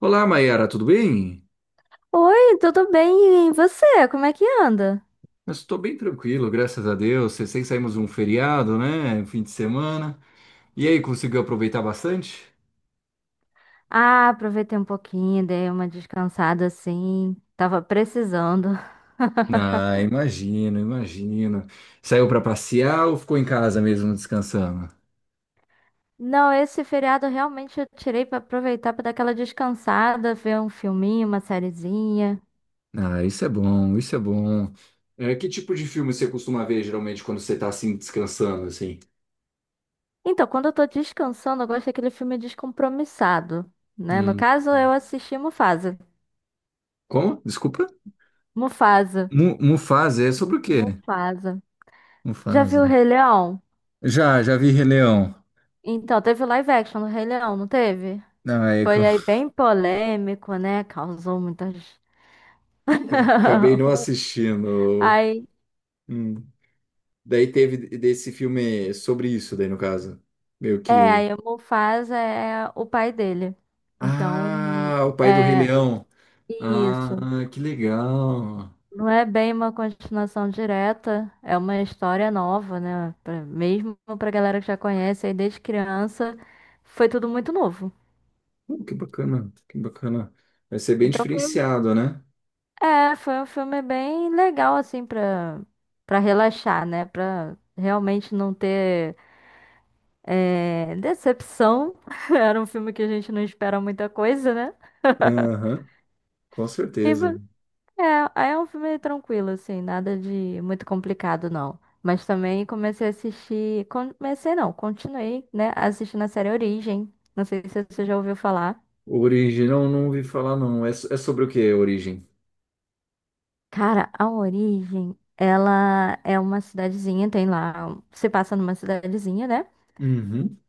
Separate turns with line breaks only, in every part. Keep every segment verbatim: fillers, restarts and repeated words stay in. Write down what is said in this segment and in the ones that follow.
Olá, Mayara, tudo bem?
Oi, tudo bem? E você? Como é que anda?
Eu estou bem tranquilo, graças a Deus. Sei sei Saímos um feriado, né? Fim de semana. E aí, conseguiu aproveitar bastante?
Ah, aproveitei um pouquinho, dei uma descansada assim. Tava precisando.
Ah, imagino, imagino. Saiu para passear ou ficou em casa mesmo descansando?
Não, esse feriado realmente eu tirei pra aproveitar pra dar aquela descansada, ver um filminho, uma sériezinha.
Ah, isso é bom, isso é bom. É, que tipo de filme você costuma ver geralmente quando você está assim descansando assim?
Então, quando eu tô descansando, eu gosto daquele filme descompromissado, né? No
Hum.
caso, eu assisti Mufasa.
Como? Desculpa?
Mufasa.
Mu Mufasa, é sobre o quê?
Mufasa. Já viu o
Mufasa.
Rei Leão?
Já, já vi Rei Leão.
Então, teve live action do Rei Leão, não teve?
Não, é que
Foi aí bem polêmico, né? Causou muitas.
acabei não assistindo.
Aí,
Hum. Daí teve desse filme sobre isso, daí no caso. Meio
é,
que.
aí o Mufasa é o pai dele. Então,
Ah, o pai do Rei
é
Leão. Ah,
isso.
que legal.
Não é bem uma continuação direta, é uma história nova, né? Pra- mesmo pra galera que já conhece, aí desde criança, foi tudo muito novo.
Uh, que bacana, que bacana. Vai ser bem
Então foi, um-
diferenciado, né?
é, foi um filme bem legal, assim, pra, pra relaxar, né? Pra realmente não ter. É, Decepção. Era um filme que a gente não espera muita coisa, né?
Aham, com
E
certeza.
vo- é, Aí é um filme tranquilo, assim, nada de muito complicado, não. Mas também comecei a assistir. Comecei, não, continuei, né? Assistindo a série Origem. Não sei se você já ouviu falar.
Origem, não, não ouvi falar, não. É, so- é sobre o que, Origem?
Cara, a Origem, ela é uma cidadezinha, tem lá. Se passa numa cidadezinha, né?
Uhum.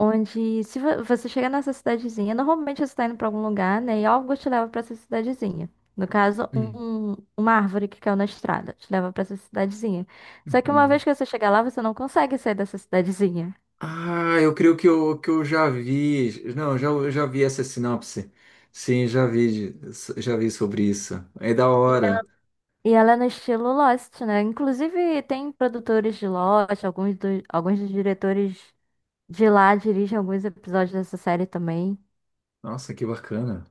Onde, se vo- você chega nessa cidadezinha, normalmente você está indo para algum lugar, né? E algo te leva para essa cidadezinha. No caso, um- uma árvore que caiu na estrada te leva para essa cidadezinha. Só que uma
Uhum.
vez que você chegar lá, você não consegue sair dessa cidadezinha.
Ah, eu creio que eu, que eu já vi. Não, já, eu já vi essa sinopse. Sim, já vi, já vi sobre isso. É da hora.
E ela é no estilo Lost, né? Inclusive, tem produtores de Lost, alguns, do- alguns dos diretores de lá dirigem alguns episódios dessa série também.
Nossa, que bacana.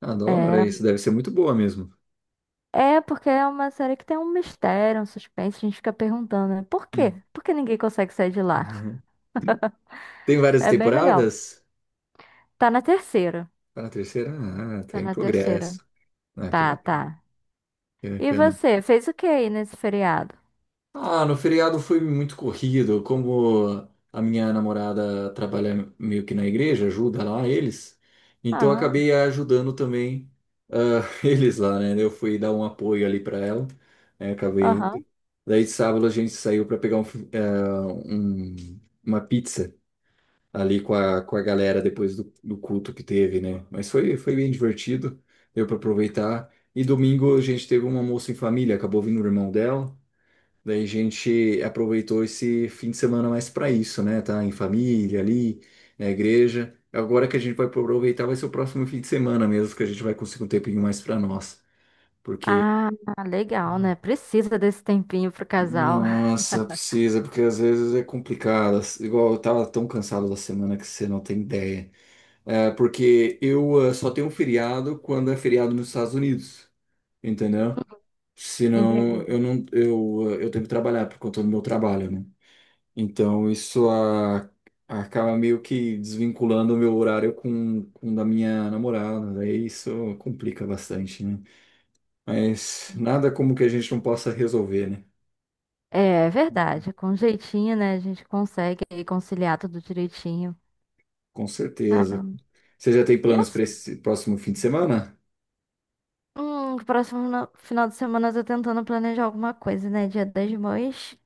Adoro
É,
isso. Deve ser muito boa mesmo.
é porque é uma série que tem um mistério, um suspense, a gente fica perguntando, né? Por quê?
Hum.
Por que ninguém consegue sair de lá?
Uhum. Tem várias
É bem legal.
temporadas?
Tá na terceira.
Tá na terceira? Ah, tá
Tá
em
na terceira.
progresso. Ah, que
Tá,
bacana.
tá.
Que
E
bacana.
você, fez o que aí nesse feriado?
Ah, no feriado foi muito corrido. Como a minha namorada trabalha meio que na igreja, ajuda lá eles, então eu
Ah,
acabei ajudando também ah, eles lá, né? Eu fui dar um apoio ali para ela, né? Acabei indo.
aham.
Daí de sábado a gente saiu para pegar um fi- ah, um- uma pizza ali com a, com a galera depois do, do culto que teve, né? Mas foi, foi bem divertido, deu para aproveitar. E domingo a gente teve um almoço em família, acabou vindo o irmão dela. Daí a gente aproveitou esse fim de semana mais para isso, né? Tá em família ali, na igreja. Agora que a gente vai aproveitar vai ser o próximo fim de semana mesmo, que a gente vai conseguir um tempinho mais para nós. Porque,
Ah, legal, né? Precisa desse tempinho pro casal.
nossa, precisa, porque às vezes é complicado. Igual eu tava tão cansado da semana que você não tem ideia. É, porque eu eh, só tenho feriado quando é feriado nos Estados Unidos, entendeu? Senão
Entendi.
eu não, eu, eh, eu tenho que trabalhar por conta do meu trabalho, né? Então, isso a- acaba meio que desvinculando o meu horário com, com o da minha namorada. Daí isso complica bastante, né? Mas nada como que a gente não possa resolver, né?
É, é verdade. Com jeitinho, né? A gente consegue aí conciliar tudo direitinho.
Com certeza.
Caramba.
Você já tem
E
planos para
assim,
esse próximo fim de semana?
hum, próximo no- final de semana eu tô tentando planejar alguma coisa, né? Dia das Mães.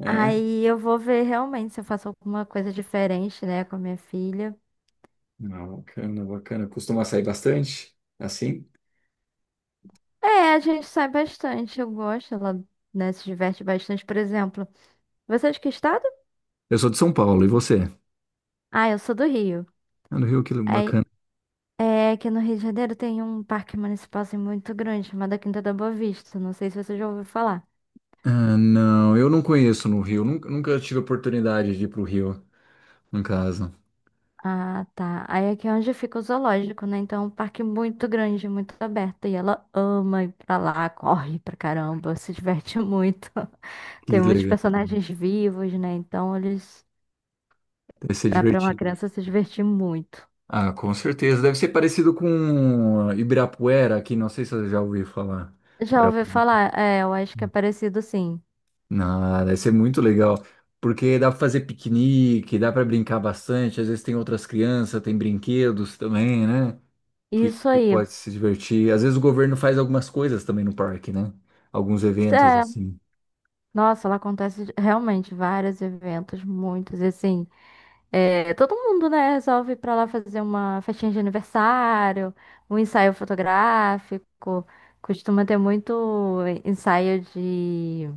É?
Aí eu vou ver realmente se eu faço alguma coisa diferente, né, com a minha filha.
Não, bacana, bacana. Costuma sair bastante? Assim?
É, a gente sai bastante. Eu gosto, ela, né, se diverte bastante. Por exemplo, você é de que é estado?
Eu sou de São Paulo, e você?
Ah, eu sou do Rio.
Ah, no Rio, que
Aí,
bacana.
é que no Rio de Janeiro tem um parque municipal assim, muito grande, chamado Quinta da Boa Vista. Não sei se você já ouviu falar.
Ah, não, eu não conheço no Rio. Nunca, nunca tive oportunidade de ir pro Rio, no caso.
Ah, tá. Aí aqui é onde fica o zoológico, né? Então, é um parque muito grande, muito aberto. E ela ama ir pra lá, corre pra caramba, se diverte muito. Tem
Que
muitos
legal.
personagens vivos, né? Então, eles.
Deve ser
Dá pra uma
divertido.
criança se divertir muito.
Ah, com certeza. Deve ser parecido com ah, Ibirapuera aqui, não sei se eu já ouvi falar.
Já ouvi
Ibirapuera.
falar, é, eu acho que é parecido sim.
Não, deve ser muito legal, porque dá para fazer piquenique, dá para brincar bastante. Às vezes tem outras crianças, tem brinquedos também, né? Que,
Isso
que
aí.
pode se divertir. Às vezes o governo faz algumas coisas também no parque, né? Alguns eventos
É,
assim.
nossa, lá acontece realmente vários eventos, muitos, e assim, é, todo mundo, né, resolve ir pra lá fazer uma festinha de aniversário, um ensaio fotográfico, costuma ter muito ensaio de,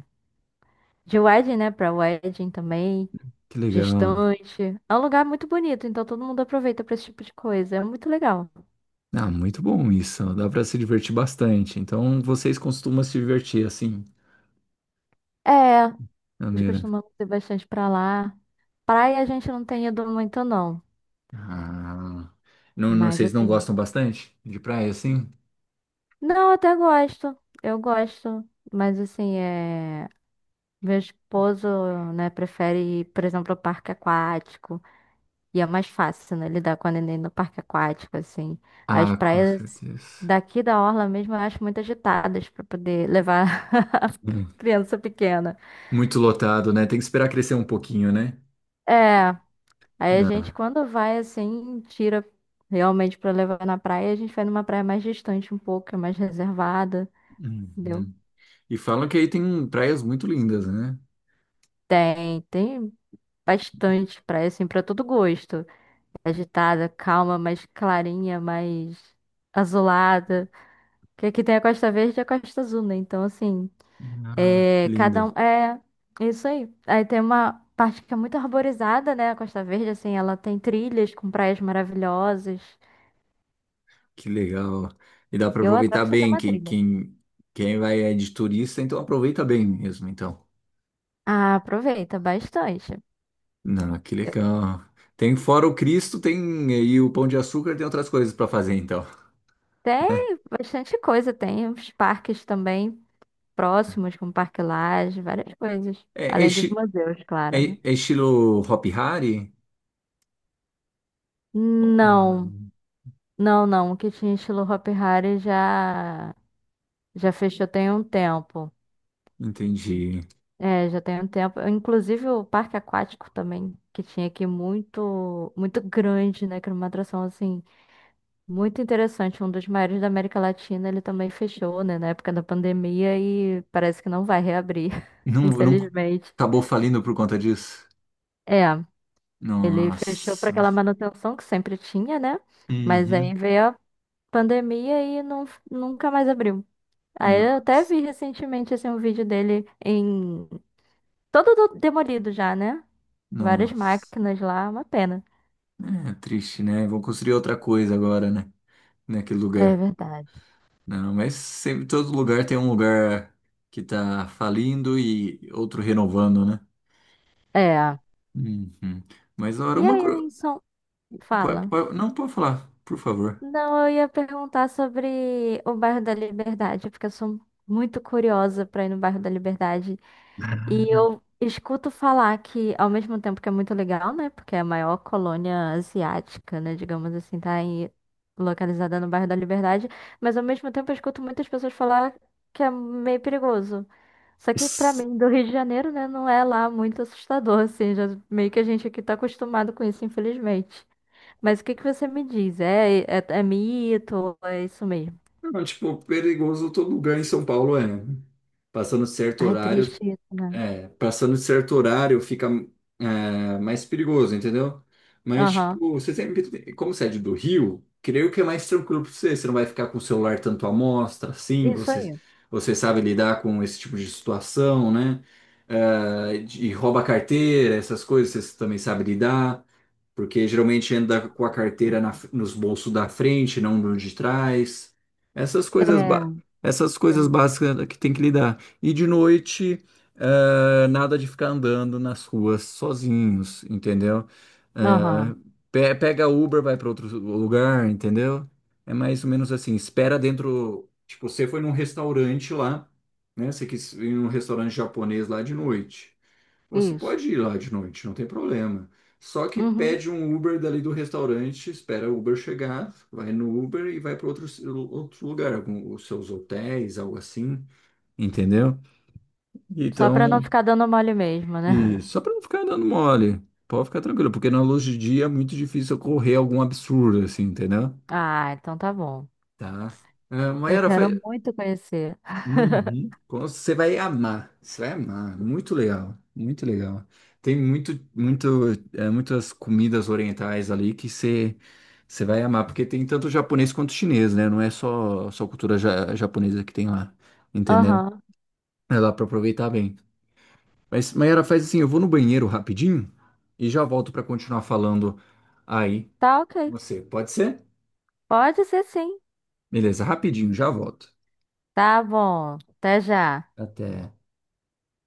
de wedding, né, pra wedding também,
Que legal.
gestante. É um lugar muito bonito, então todo mundo aproveita pra esse tipo de coisa, é muito legal.
Ah, muito bom isso. Dá para se divertir bastante. Então vocês costumam se divertir assim,
É,
de
nós
maneira.
costumamos ir bastante pra lá. Praia a gente não tem ido muito, não.
Ah, não, não-
Mas
vocês não
assim.
gostam bastante de praia assim?
Não, eu até gosto. Eu gosto. Mas assim, é. Meu esposo, né, prefere ir, por exemplo, ao parque aquático. E é mais fácil, né, lidar com a neném no parque aquático, assim. As
Ah, com
praias
certeza.
daqui da Orla mesmo eu acho muito agitadas pra poder levar a
Hum.
criança pequena.
Muito lotado, né? Tem que esperar crescer um pouquinho, né?
É. Aí a gente,
Não.
quando vai assim, tira realmente pra levar na praia, a gente vai numa praia mais distante um pouco, que é mais reservada, entendeu?
Uhum. E falam que aí tem praias muito lindas, né?
Tem, tem bastante praia, assim, pra todo gosto. Agitada, calma, mais clarinha, mais azulada. Que aqui tem a Costa Verde e a Costa Azul, né? Então, assim,
Ah, que
é, cada
linda,
um. É, é isso aí. Aí tem uma parte que é muito arborizada, né? A Costa Verde, assim, ela tem trilhas com praias maravilhosas.
que legal. E dá para
Eu adoro
aproveitar
fazer
bem.
uma
Quem,
trilha.
quem, quem vai é de turista, então aproveita bem mesmo, então.
Ah, aproveita bastante.
Não, que
Eu-
legal. Tem fora o Cristo, tem aí o Pão de Açúcar, tem outras coisas para fazer, então.
Tem bastante coisa, tem uns parques também próximos, como Parque Lage, várias coisas.
É,
Além dos
enche-
museus,
É,
claro, né?
é estilo Hop Hari? Oh,
Não,
hum.
não, não. O que tinha estilo Hopi Hari já, já fechou tem um tempo.
Entendi.
É, já tem um tempo. Inclusive o parque aquático também, que tinha aqui muito, muito grande, né? Que era uma atração assim. Muito interessante, um dos maiores da América Latina, ele também fechou, né, na época da pandemia e parece que não vai reabrir,
Não, não
infelizmente.
acabou falindo por conta disso?
É, ele fechou para
Nossa.
aquela manutenção que sempre tinha, né? Mas
Uhum.
aí veio a pandemia e não, nunca mais abriu. Aí eu
No-
até vi recentemente assim, um vídeo dele em todo do- demolido já, né? Várias
Nossa.
máquinas lá, uma pena.
É triste, né? Vão construir outra coisa agora, né? Naquele
É
lugar.
verdade.
Não, mas sempre todo lugar tem um lugar que tá falindo e outro renovando, né?
É.
Uhum. Mas, ora,
E
uma.
aí,
Cur-
Linson,
po-
fala.
po- não, pode falar, por favor.
Não, eu ia perguntar sobre o bairro da Liberdade, porque eu sou muito curiosa para ir no bairro da Liberdade. E eu escuto falar que, ao mesmo tempo que é muito legal, né? Porque é a maior colônia asiática, né? Digamos assim, tá aí localizada no bairro da Liberdade. Mas ao mesmo tempo eu escuto muitas pessoas falar que é meio perigoso. Só que pra mim, do Rio de Janeiro, né, não é lá muito assustador, assim, já meio que a gente aqui tá acostumado com isso, infelizmente. Mas o que que você me diz? É, é, é mito? É isso mesmo?
Não, tipo, perigoso todo lugar em São Paulo é. né? Passando de certo
Ai, triste
horário,
isso, né?
é, passando de certo horário fica é, mais perigoso, entendeu? Mas,
Aham.
tipo, você sempre, como você é de do Rio, creio que é mais tranquilo pra você. Você não vai ficar com o celular tanto à mostra, assim,
Isso
você,
aí.
você sabe lidar com esse tipo de situação, né? É, de, e rouba carteira, essas coisas, você também sabe lidar porque geralmente anda com a carteira na nos bolsos da frente, não no de trás. Essas coisas, ba-
É.
essas coisas
tem-
básicas é que tem que lidar. E de noite, eh, nada de ficar andando nas ruas sozinhos, entendeu? Eh,
Aham.
pe- pega Uber, vai para outro lugar, entendeu? É mais ou menos assim, espera dentro. Tipo, você foi num restaurante lá, né? Você quis ir num restaurante japonês lá de noite. Você
Isso.
pode ir lá de noite, não tem problema. Só que
Uhum.
pede um Uber dali do restaurante, espera o Uber chegar, vai no Uber e vai para outro, outro lugar, algum, os seus hotéis, algo assim, entendeu?
Só pra não
Então,
ficar dando mole mesmo,
e
né?
só para não ficar dando mole, pode ficar tranquilo, porque na luz de dia é muito difícil ocorrer algum absurdo, assim, entendeu?
Ah, então tá bom.
Tá. Ah,
Eu
Mayara, fa-
quero muito conhecer.
Uhum. Você vai amar, você vai amar. Muito legal, muito legal. Tem muito, muito, é, muitas comidas orientais ali que você, você vai amar, porque tem tanto japonês quanto chinês, né? Não é só, só cultura ja- japonesa que tem lá, entendeu?
Aham.
É lá para aproveitar bem. Mas, Mayara, faz assim, eu vou no banheiro rapidinho e já volto para continuar falando aí
Tá
com
ok.
você. Pode ser?
Pode ser sim.
Beleza, rapidinho, já volto.
Tá bom. Até já.
Até.